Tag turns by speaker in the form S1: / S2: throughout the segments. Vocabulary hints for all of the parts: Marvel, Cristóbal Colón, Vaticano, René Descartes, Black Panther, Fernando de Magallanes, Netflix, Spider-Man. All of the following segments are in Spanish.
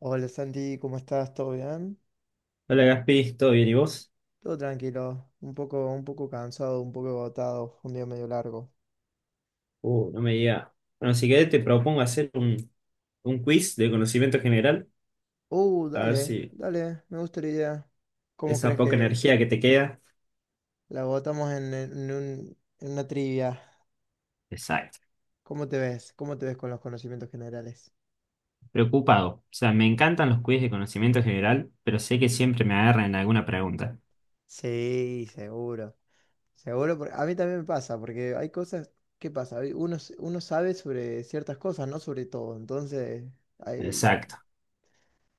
S1: Hola Santi, ¿cómo estás? ¿Todo bien?
S2: Hola Gaspi, ¿todo bien? ¿Y vos?
S1: Todo tranquilo, un poco cansado, un poco agotado, fue un día medio largo.
S2: No me diga. Bueno, si querés te propongo hacer un quiz de conocimiento general,
S1: Uh,
S2: a ver
S1: dale,
S2: si
S1: dale, me gusta la idea. ¿Cómo
S2: esa
S1: crees
S2: poca
S1: que
S2: energía que te queda.
S1: la agotamos en una trivia?
S2: Exacto.
S1: ¿Cómo te ves? ¿Cómo te ves con los conocimientos generales?
S2: Preocupado. O sea, me encantan los quiz de conocimiento general, pero sé que siempre me agarran en alguna pregunta.
S1: Sí, seguro, seguro, porque a mí también me pasa, porque hay cosas, ¿qué pasa? Uno sabe sobre ciertas cosas, no sobre todo, entonces ahí
S2: Exacto.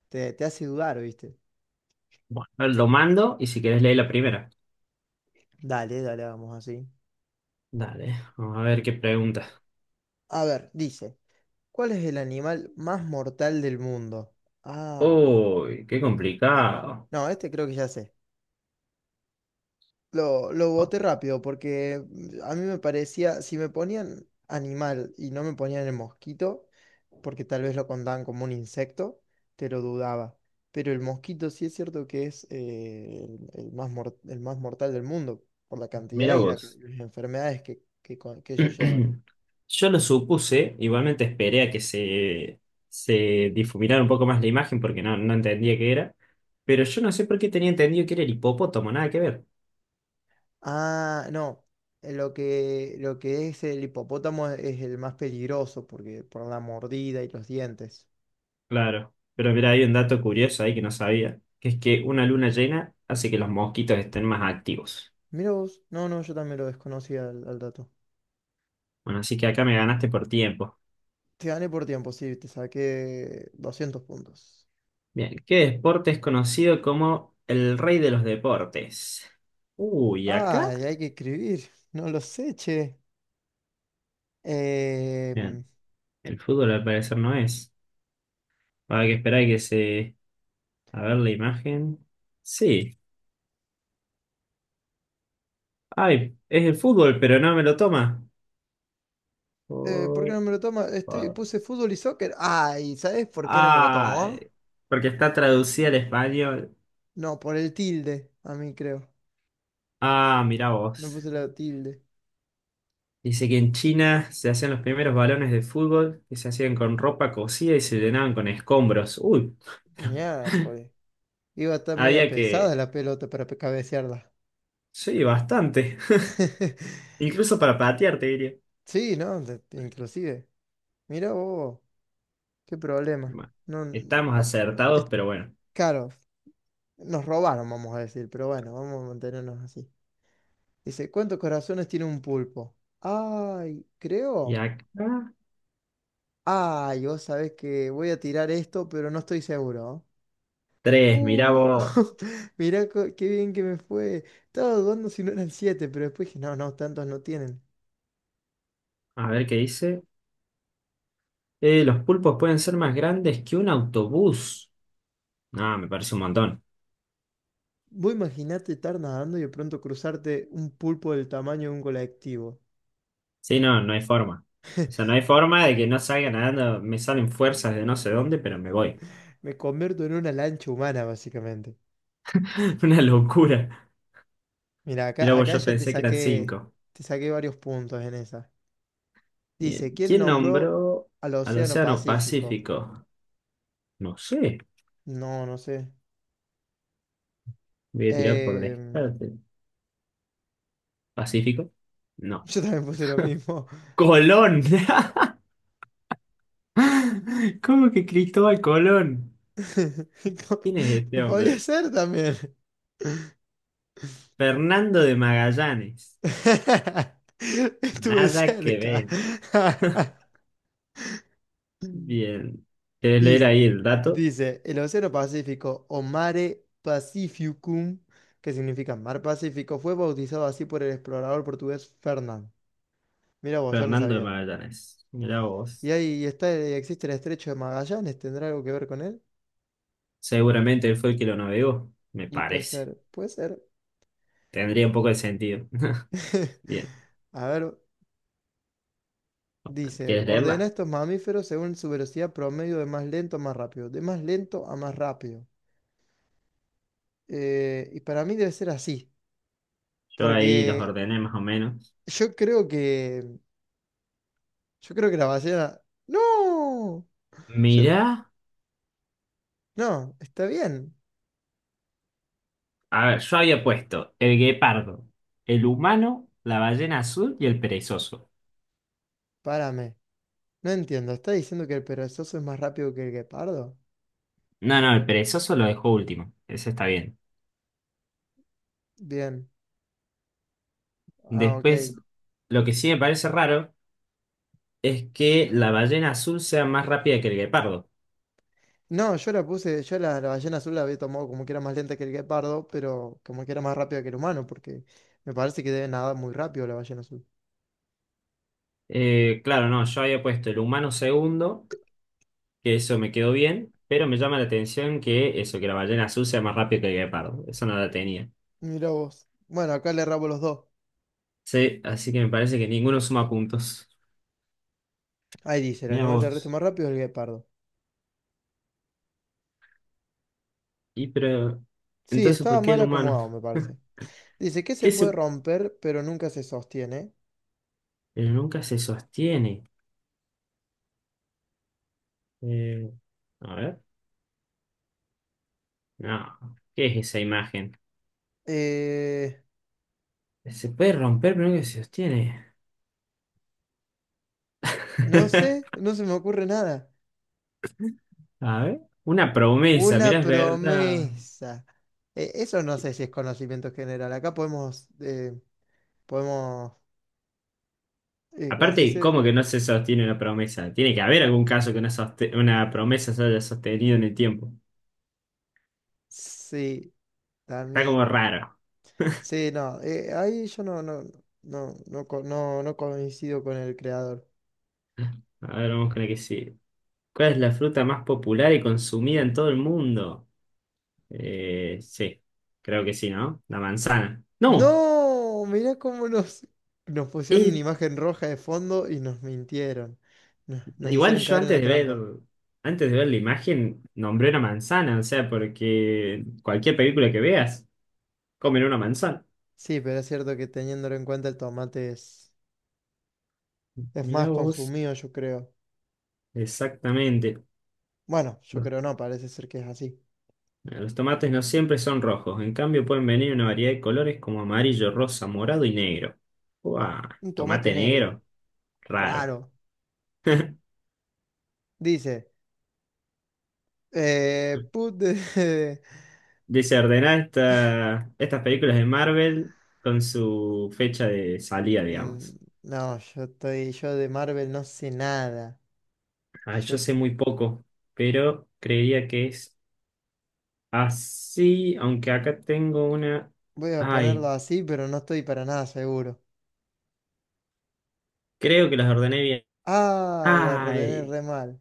S1: te hace dudar, ¿viste?
S2: Bueno, lo mando y si querés leer la primera.
S1: Dale, dale, vamos así.
S2: Dale, vamos a ver qué pregunta.
S1: A ver, dice, ¿cuál es el animal más mortal del mundo? Ah,
S2: Uy, qué complicado.
S1: no, este creo que ya sé. Lo boté rápido porque a mí me parecía, si me ponían animal y no me ponían el mosquito, porque tal vez lo contaban como un insecto, te lo dudaba. Pero el mosquito sí es cierto que es el más mortal del mundo por la cantidad
S2: Mira
S1: y
S2: vos.
S1: las enfermedades que ellos llevan.
S2: Yo lo supuse, igualmente esperé a que se difuminara un poco más la imagen porque no entendía qué era, pero yo no sé por qué tenía entendido que era el hipopótamo, nada que ver.
S1: Ah, no. Lo que es el hipopótamo es el más peligroso porque por la mordida y los dientes.
S2: Claro, pero mira, hay un dato curioso ahí que no sabía, que es que una luna llena hace que los mosquitos estén más activos.
S1: Mira vos. No, no, yo también lo desconocía al dato.
S2: Bueno, así que acá me ganaste por tiempo.
S1: Te gané por tiempo, sí, te saqué 200 puntos.
S2: Bien, ¿qué deporte es conocido como el rey de los deportes? Uy, ¿acá?
S1: Ah, y hay que escribir. No lo sé, che. Em,
S2: Bien, el fútbol al parecer no es. Va a haber que esperar a que se. A ver la imagen. Sí. Ay, es el fútbol, pero no me lo toma.
S1: ¿por qué
S2: Por-
S1: no me lo toma? Estoy,
S2: por-
S1: puse fútbol y soccer. Ay, ¿sabes por qué no me lo tomó?
S2: Ay, Porque está traducida al español.
S1: No, por el tilde, a mí creo.
S2: Ah, mirá
S1: No
S2: vos.
S1: puse la tilde.
S2: Dice que en China se hacían los primeros balones de fútbol que se hacían con ropa cocida y se llenaban con escombros. Uy,
S1: Miércoles. Iba a estar media
S2: había que...
S1: pesada la pelota para cabecearla.
S2: Sí, bastante. Incluso para patear, te diría.
S1: Sí, ¿no? Inclusive. Mira vos, qué problema.
S2: Bueno,
S1: No,
S2: estamos
S1: a- es,
S2: acertados, pero bueno.
S1: claro, nos robaron, vamos a decir, pero bueno, vamos a mantenernos así. Dice, ¿cuántos corazones tiene un pulpo? Ay,
S2: Y
S1: creo.
S2: acá,
S1: Ay, vos sabés que voy a tirar esto, pero no estoy seguro.
S2: tres, mirá
S1: Uh,
S2: vos.
S1: qué bien que me fue. Estaba dudando si no eran siete, pero después dije, no, no, tantos no tienen.
S2: A ver qué dice. Los pulpos pueden ser más grandes que un autobús. No, me parece un montón.
S1: Vos imaginate estar nadando y de pronto cruzarte un pulpo del tamaño de un colectivo.
S2: Sí, no, no hay forma. O sea, no hay forma de que no salga nadando. Me salen fuerzas de no sé dónde, pero me voy.
S1: Me convierto en una lancha humana, básicamente.
S2: Una locura.
S1: Mira,
S2: Mirá,
S1: acá,
S2: vos,
S1: acá
S2: yo
S1: ya
S2: pensé que eran cinco.
S1: te saqué varios puntos en esa.
S2: Bien.
S1: Dice, ¿quién
S2: ¿Quién
S1: nombró
S2: nombró
S1: al
S2: al
S1: Océano
S2: Océano
S1: Pacífico?
S2: Pacífico? No sé.
S1: No, no sé.
S2: Voy a tirar por
S1: Em,
S2: descarte. ¿Pacífico? No.
S1: yo también puse lo mismo.
S2: ¡Colón! ¿Cómo que Cristóbal Colón? ¿Quién es este
S1: Podía
S2: hombre?
S1: ser también.
S2: Fernando de Magallanes.
S1: Estuve
S2: Nada que
S1: cerca.
S2: ver. Bien. ¿Querés leer
S1: Dice,
S2: ahí el dato?
S1: dice, el Océano Pacífico o Mare Pacificum, que significa Mar Pacífico, fue bautizado así por el explorador portugués Fernán. Mira vos, yo no
S2: Fernando de
S1: sabía.
S2: Magallanes. Mirá
S1: Y
S2: vos.
S1: ahí está, existe el Estrecho de Magallanes, ¿tendrá algo que ver con él?
S2: Seguramente él fue el que lo navegó. Me
S1: Y puede
S2: parece.
S1: ser, puede ser.
S2: Tendría un poco de sentido. Bien.
S1: A ver, dice,
S2: ¿Quieres
S1: ordena
S2: leerla?
S1: estos mamíferos según su velocidad promedio de más lento a más rápido, de más lento a más rápido. Y para mí debe ser así,
S2: Yo ahí los
S1: porque
S2: ordené más o menos.
S1: yo creo que la ballena. ¡No! Yo...
S2: Mirá.
S1: No, está bien.
S2: A ver, yo había puesto el guepardo, el humano, la ballena azul y el perezoso.
S1: Párame. No entiendo. ¿Está diciendo que el perezoso es más rápido que el guepardo?
S2: No, no, el perezoso lo dejó último. Ese está bien.
S1: Bien. Ah, ok.
S2: Después, lo que sí me parece raro es que la ballena azul sea más rápida que el guepardo.
S1: No, yo la puse. Yo la ballena azul la había tomado como que era más lenta que el guepardo, pero como que era más rápida que el humano, porque me parece que debe nadar muy rápido la ballena azul.
S2: Claro, no, yo había puesto el humano segundo, que eso me quedó bien, pero me llama la atención que eso, que la ballena azul sea más rápido que el guepardo. Eso no la tenía.
S1: Mira vos. Bueno, acá le rabo los dos.
S2: Sí, así que me parece que ninguno suma puntos.
S1: Ahí dice: el
S2: Mira
S1: animal terrestre
S2: vos.
S1: más rápido es el guepardo.
S2: Y pero,
S1: Sí,
S2: entonces,
S1: estaba
S2: ¿por qué
S1: mal
S2: el humano?
S1: acomodado, me parece. Dice que se
S2: ¿Qué
S1: puede
S2: se...
S1: romper, pero nunca se sostiene.
S2: Pero nunca se sostiene. Eh, a ver. No. ¿Qué es esa imagen?
S1: Eh.
S2: Se puede romper, pero nunca se sostiene.
S1: No sé, no se me ocurre nada.
S2: A ver. Una promesa,
S1: Una
S2: mira, es verdad.
S1: promesa. Eso no sé si es conocimiento general. Acá podemos, podemos, ¿cómo se
S2: Aparte,
S1: dice?
S2: ¿cómo que no se sostiene una promesa? Tiene que haber algún caso que una promesa se haya sostenido en el tiempo.
S1: Sí,
S2: Está como
S1: también.
S2: raro.
S1: Sí, no, ahí yo no coincido con el creador.
S2: A ver, vamos con la que sí. ¿Cuál es la fruta más popular y consumida en todo el mundo? Sí, creo que sí, ¿no? La manzana. No,
S1: No, mirá cómo nos pusieron una
S2: eh,
S1: imagen roja de fondo y nos mintieron. Nos
S2: Igual
S1: hicieron
S2: yo
S1: caer en la
S2: antes de
S1: trampa.
S2: antes de ver la imagen, nombré una manzana, o sea, porque cualquier película que veas, comen una manzana.
S1: Sí, pero es cierto que teniéndolo en cuenta el tomate es... Es más
S2: Mirá vos,
S1: consumido, yo creo.
S2: exactamente.
S1: Bueno, yo creo no, parece ser que es así.
S2: Mira, los tomates no siempre son rojos, en cambio pueden venir una variedad de colores como amarillo, rosa, morado y negro. ¡Guau!
S1: Un tomate
S2: ¿Tomate
S1: negro,
S2: negro? Raro.
S1: raro. Dice, eh, put the-
S2: Dice ordenar estas películas de Marvel con su fecha de salida,
S1: Mm,
S2: digamos.
S1: no, yo de Marvel no sé nada.
S2: Ah, yo
S1: Yo
S2: sé muy poco, pero creería que es así, aunque acá tengo una...
S1: voy a ponerlo
S2: Ay,
S1: así, pero no estoy para nada seguro.
S2: creo que las ordené bien.
S1: Ay, la ordené
S2: Ay,
S1: re mal.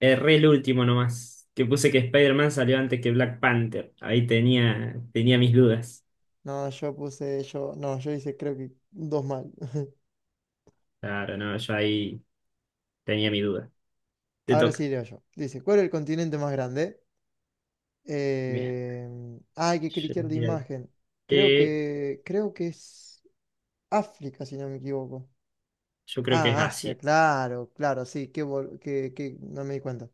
S2: erré el último nomás, que puse que Spider-Man salió antes que Black Panther. Tenía mis dudas.
S1: No, yo hice creo que dos mal.
S2: Claro, no, yo ahí tenía mi duda. Te
S1: Ahora
S2: toca.
S1: sí leo yo. Dice, ¿cuál es el continente más grande?
S2: Bien.
S1: Eh, ah, hay que
S2: Yo,
S1: cliquear la
S2: diría
S1: imagen. Creo
S2: que-
S1: que, creo que es África, si no me equivoco.
S2: yo creo que es
S1: Ah, Asia,
S2: Asia.
S1: claro, claro, sí, que no me di cuenta.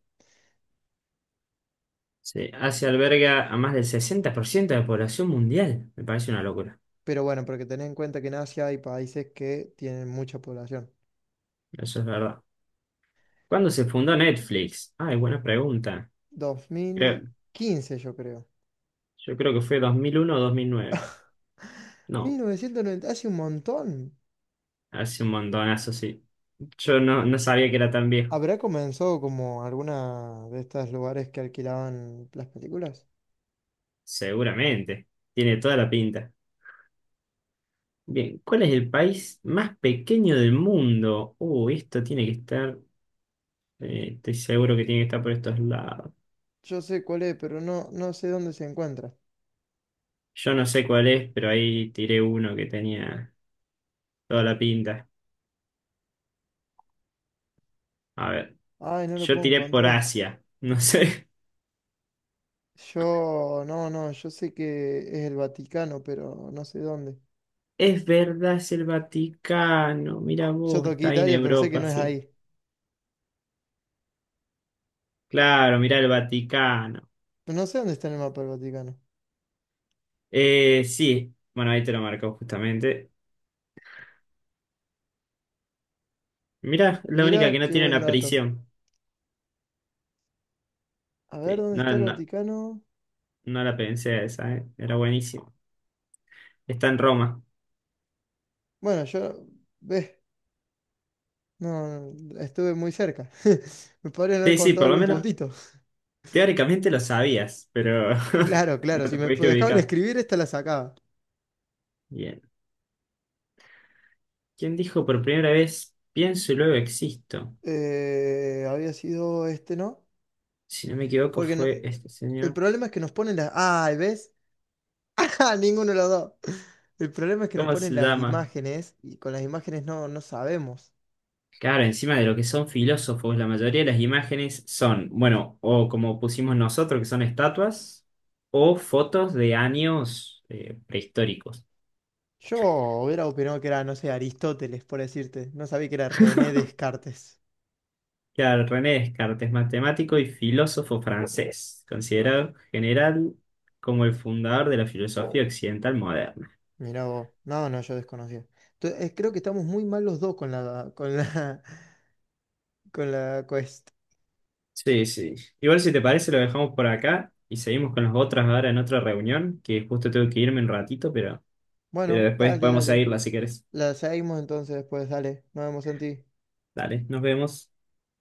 S2: Sí, Asia alberga a más del 60% de la población mundial. Me parece una locura.
S1: Pero bueno, porque tened en cuenta que en Asia hay países que tienen mucha población.
S2: Eso es verdad. ¿Cuándo se fundó Netflix? Ay, buena pregunta.
S1: Dos
S2: Creo,
S1: mil quince, yo creo.
S2: yo creo que fue 2001 o 2009. No,
S1: 1990, hace un montón.
S2: hace un montonazo, sí. Yo no sabía que era tan viejo.
S1: ¿Habrá comenzado como alguna de estos lugares que alquilaban las películas?
S2: Seguramente. Tiene toda la pinta. Bien, ¿cuál es el país más pequeño del mundo? Esto tiene que estar, estoy seguro que tiene que estar por estos lados.
S1: Yo sé cuál es, pero no sé dónde se encuentra.
S2: Yo no sé cuál es, pero ahí tiré uno que tenía toda la pinta. A ver,
S1: Ay, no lo
S2: yo
S1: puedo
S2: tiré por
S1: encontrar.
S2: Asia, no sé.
S1: Yo, no, no, yo sé que es el Vaticano, pero no sé dónde.
S2: Es verdad, es el Vaticano. Mira
S1: Yo
S2: vos,
S1: toqué
S2: está ahí en
S1: Italia, pero sé que
S2: Europa,
S1: no es
S2: sí.
S1: ahí.
S2: Claro, mirá el Vaticano.
S1: Pero no sé dónde está en el mapa el Vaticano.
S2: Sí, bueno, ahí te lo marcó justamente. Mirá, la única que
S1: Mira,
S2: no
S1: qué
S2: tiene
S1: buen
S2: una
S1: dato.
S2: prisión.
S1: A ver,
S2: Sí,
S1: ¿dónde está el Vaticano?
S2: no la pensé esa, ¿eh? Era buenísimo. Está en Roma.
S1: Bueno, yo, ves, no, no, estuve muy cerca. Me podrían haber
S2: Sí, sí,
S1: contado
S2: por lo
S1: algún
S2: menos
S1: puntito.
S2: teóricamente lo sabías, pero
S1: Claro, claro,
S2: no
S1: si
S2: te
S1: me
S2: pudiste
S1: dejaban
S2: ubicar.
S1: escribir, esta la sacaba.
S2: Bien. ¿Quién dijo por primera vez, pienso y luego existo?
S1: Había sido este, ¿no?
S2: Si no me equivoco,
S1: Porque no,
S2: fue este
S1: el
S2: señor.
S1: problema es que nos ponen las... Ay, ¿ves? Ja, ninguno de los dos. El problema es que nos
S2: ¿Cómo
S1: ponen
S2: se
S1: las
S2: llama?
S1: imágenes y con las imágenes no, no sabemos.
S2: Claro, encima de lo que son filósofos, la mayoría de las imágenes son, bueno, o como pusimos nosotros, que son estatuas, o fotos de años prehistóricos.
S1: Yo hubiera opinado que era, no sé, Aristóteles, por decirte. No sabía que era René Descartes.
S2: Claro, René Descartes, matemático y filósofo francés, considerado general como el fundador de la filosofía occidental moderna.
S1: Mirá vos. No, no, yo desconocía. Entonces, creo que estamos muy mal los dos con la, con la quest.
S2: Sí, sí. Igual si te parece lo dejamos por acá y seguimos con las otras ahora en otra reunión, que justo tengo que irme un ratito, pero
S1: Bueno,
S2: después
S1: dale,
S2: podemos
S1: dale.
S2: seguirla si querés.
S1: La seguimos entonces después, dale. Nos vemos en ti.
S2: Dale, nos vemos.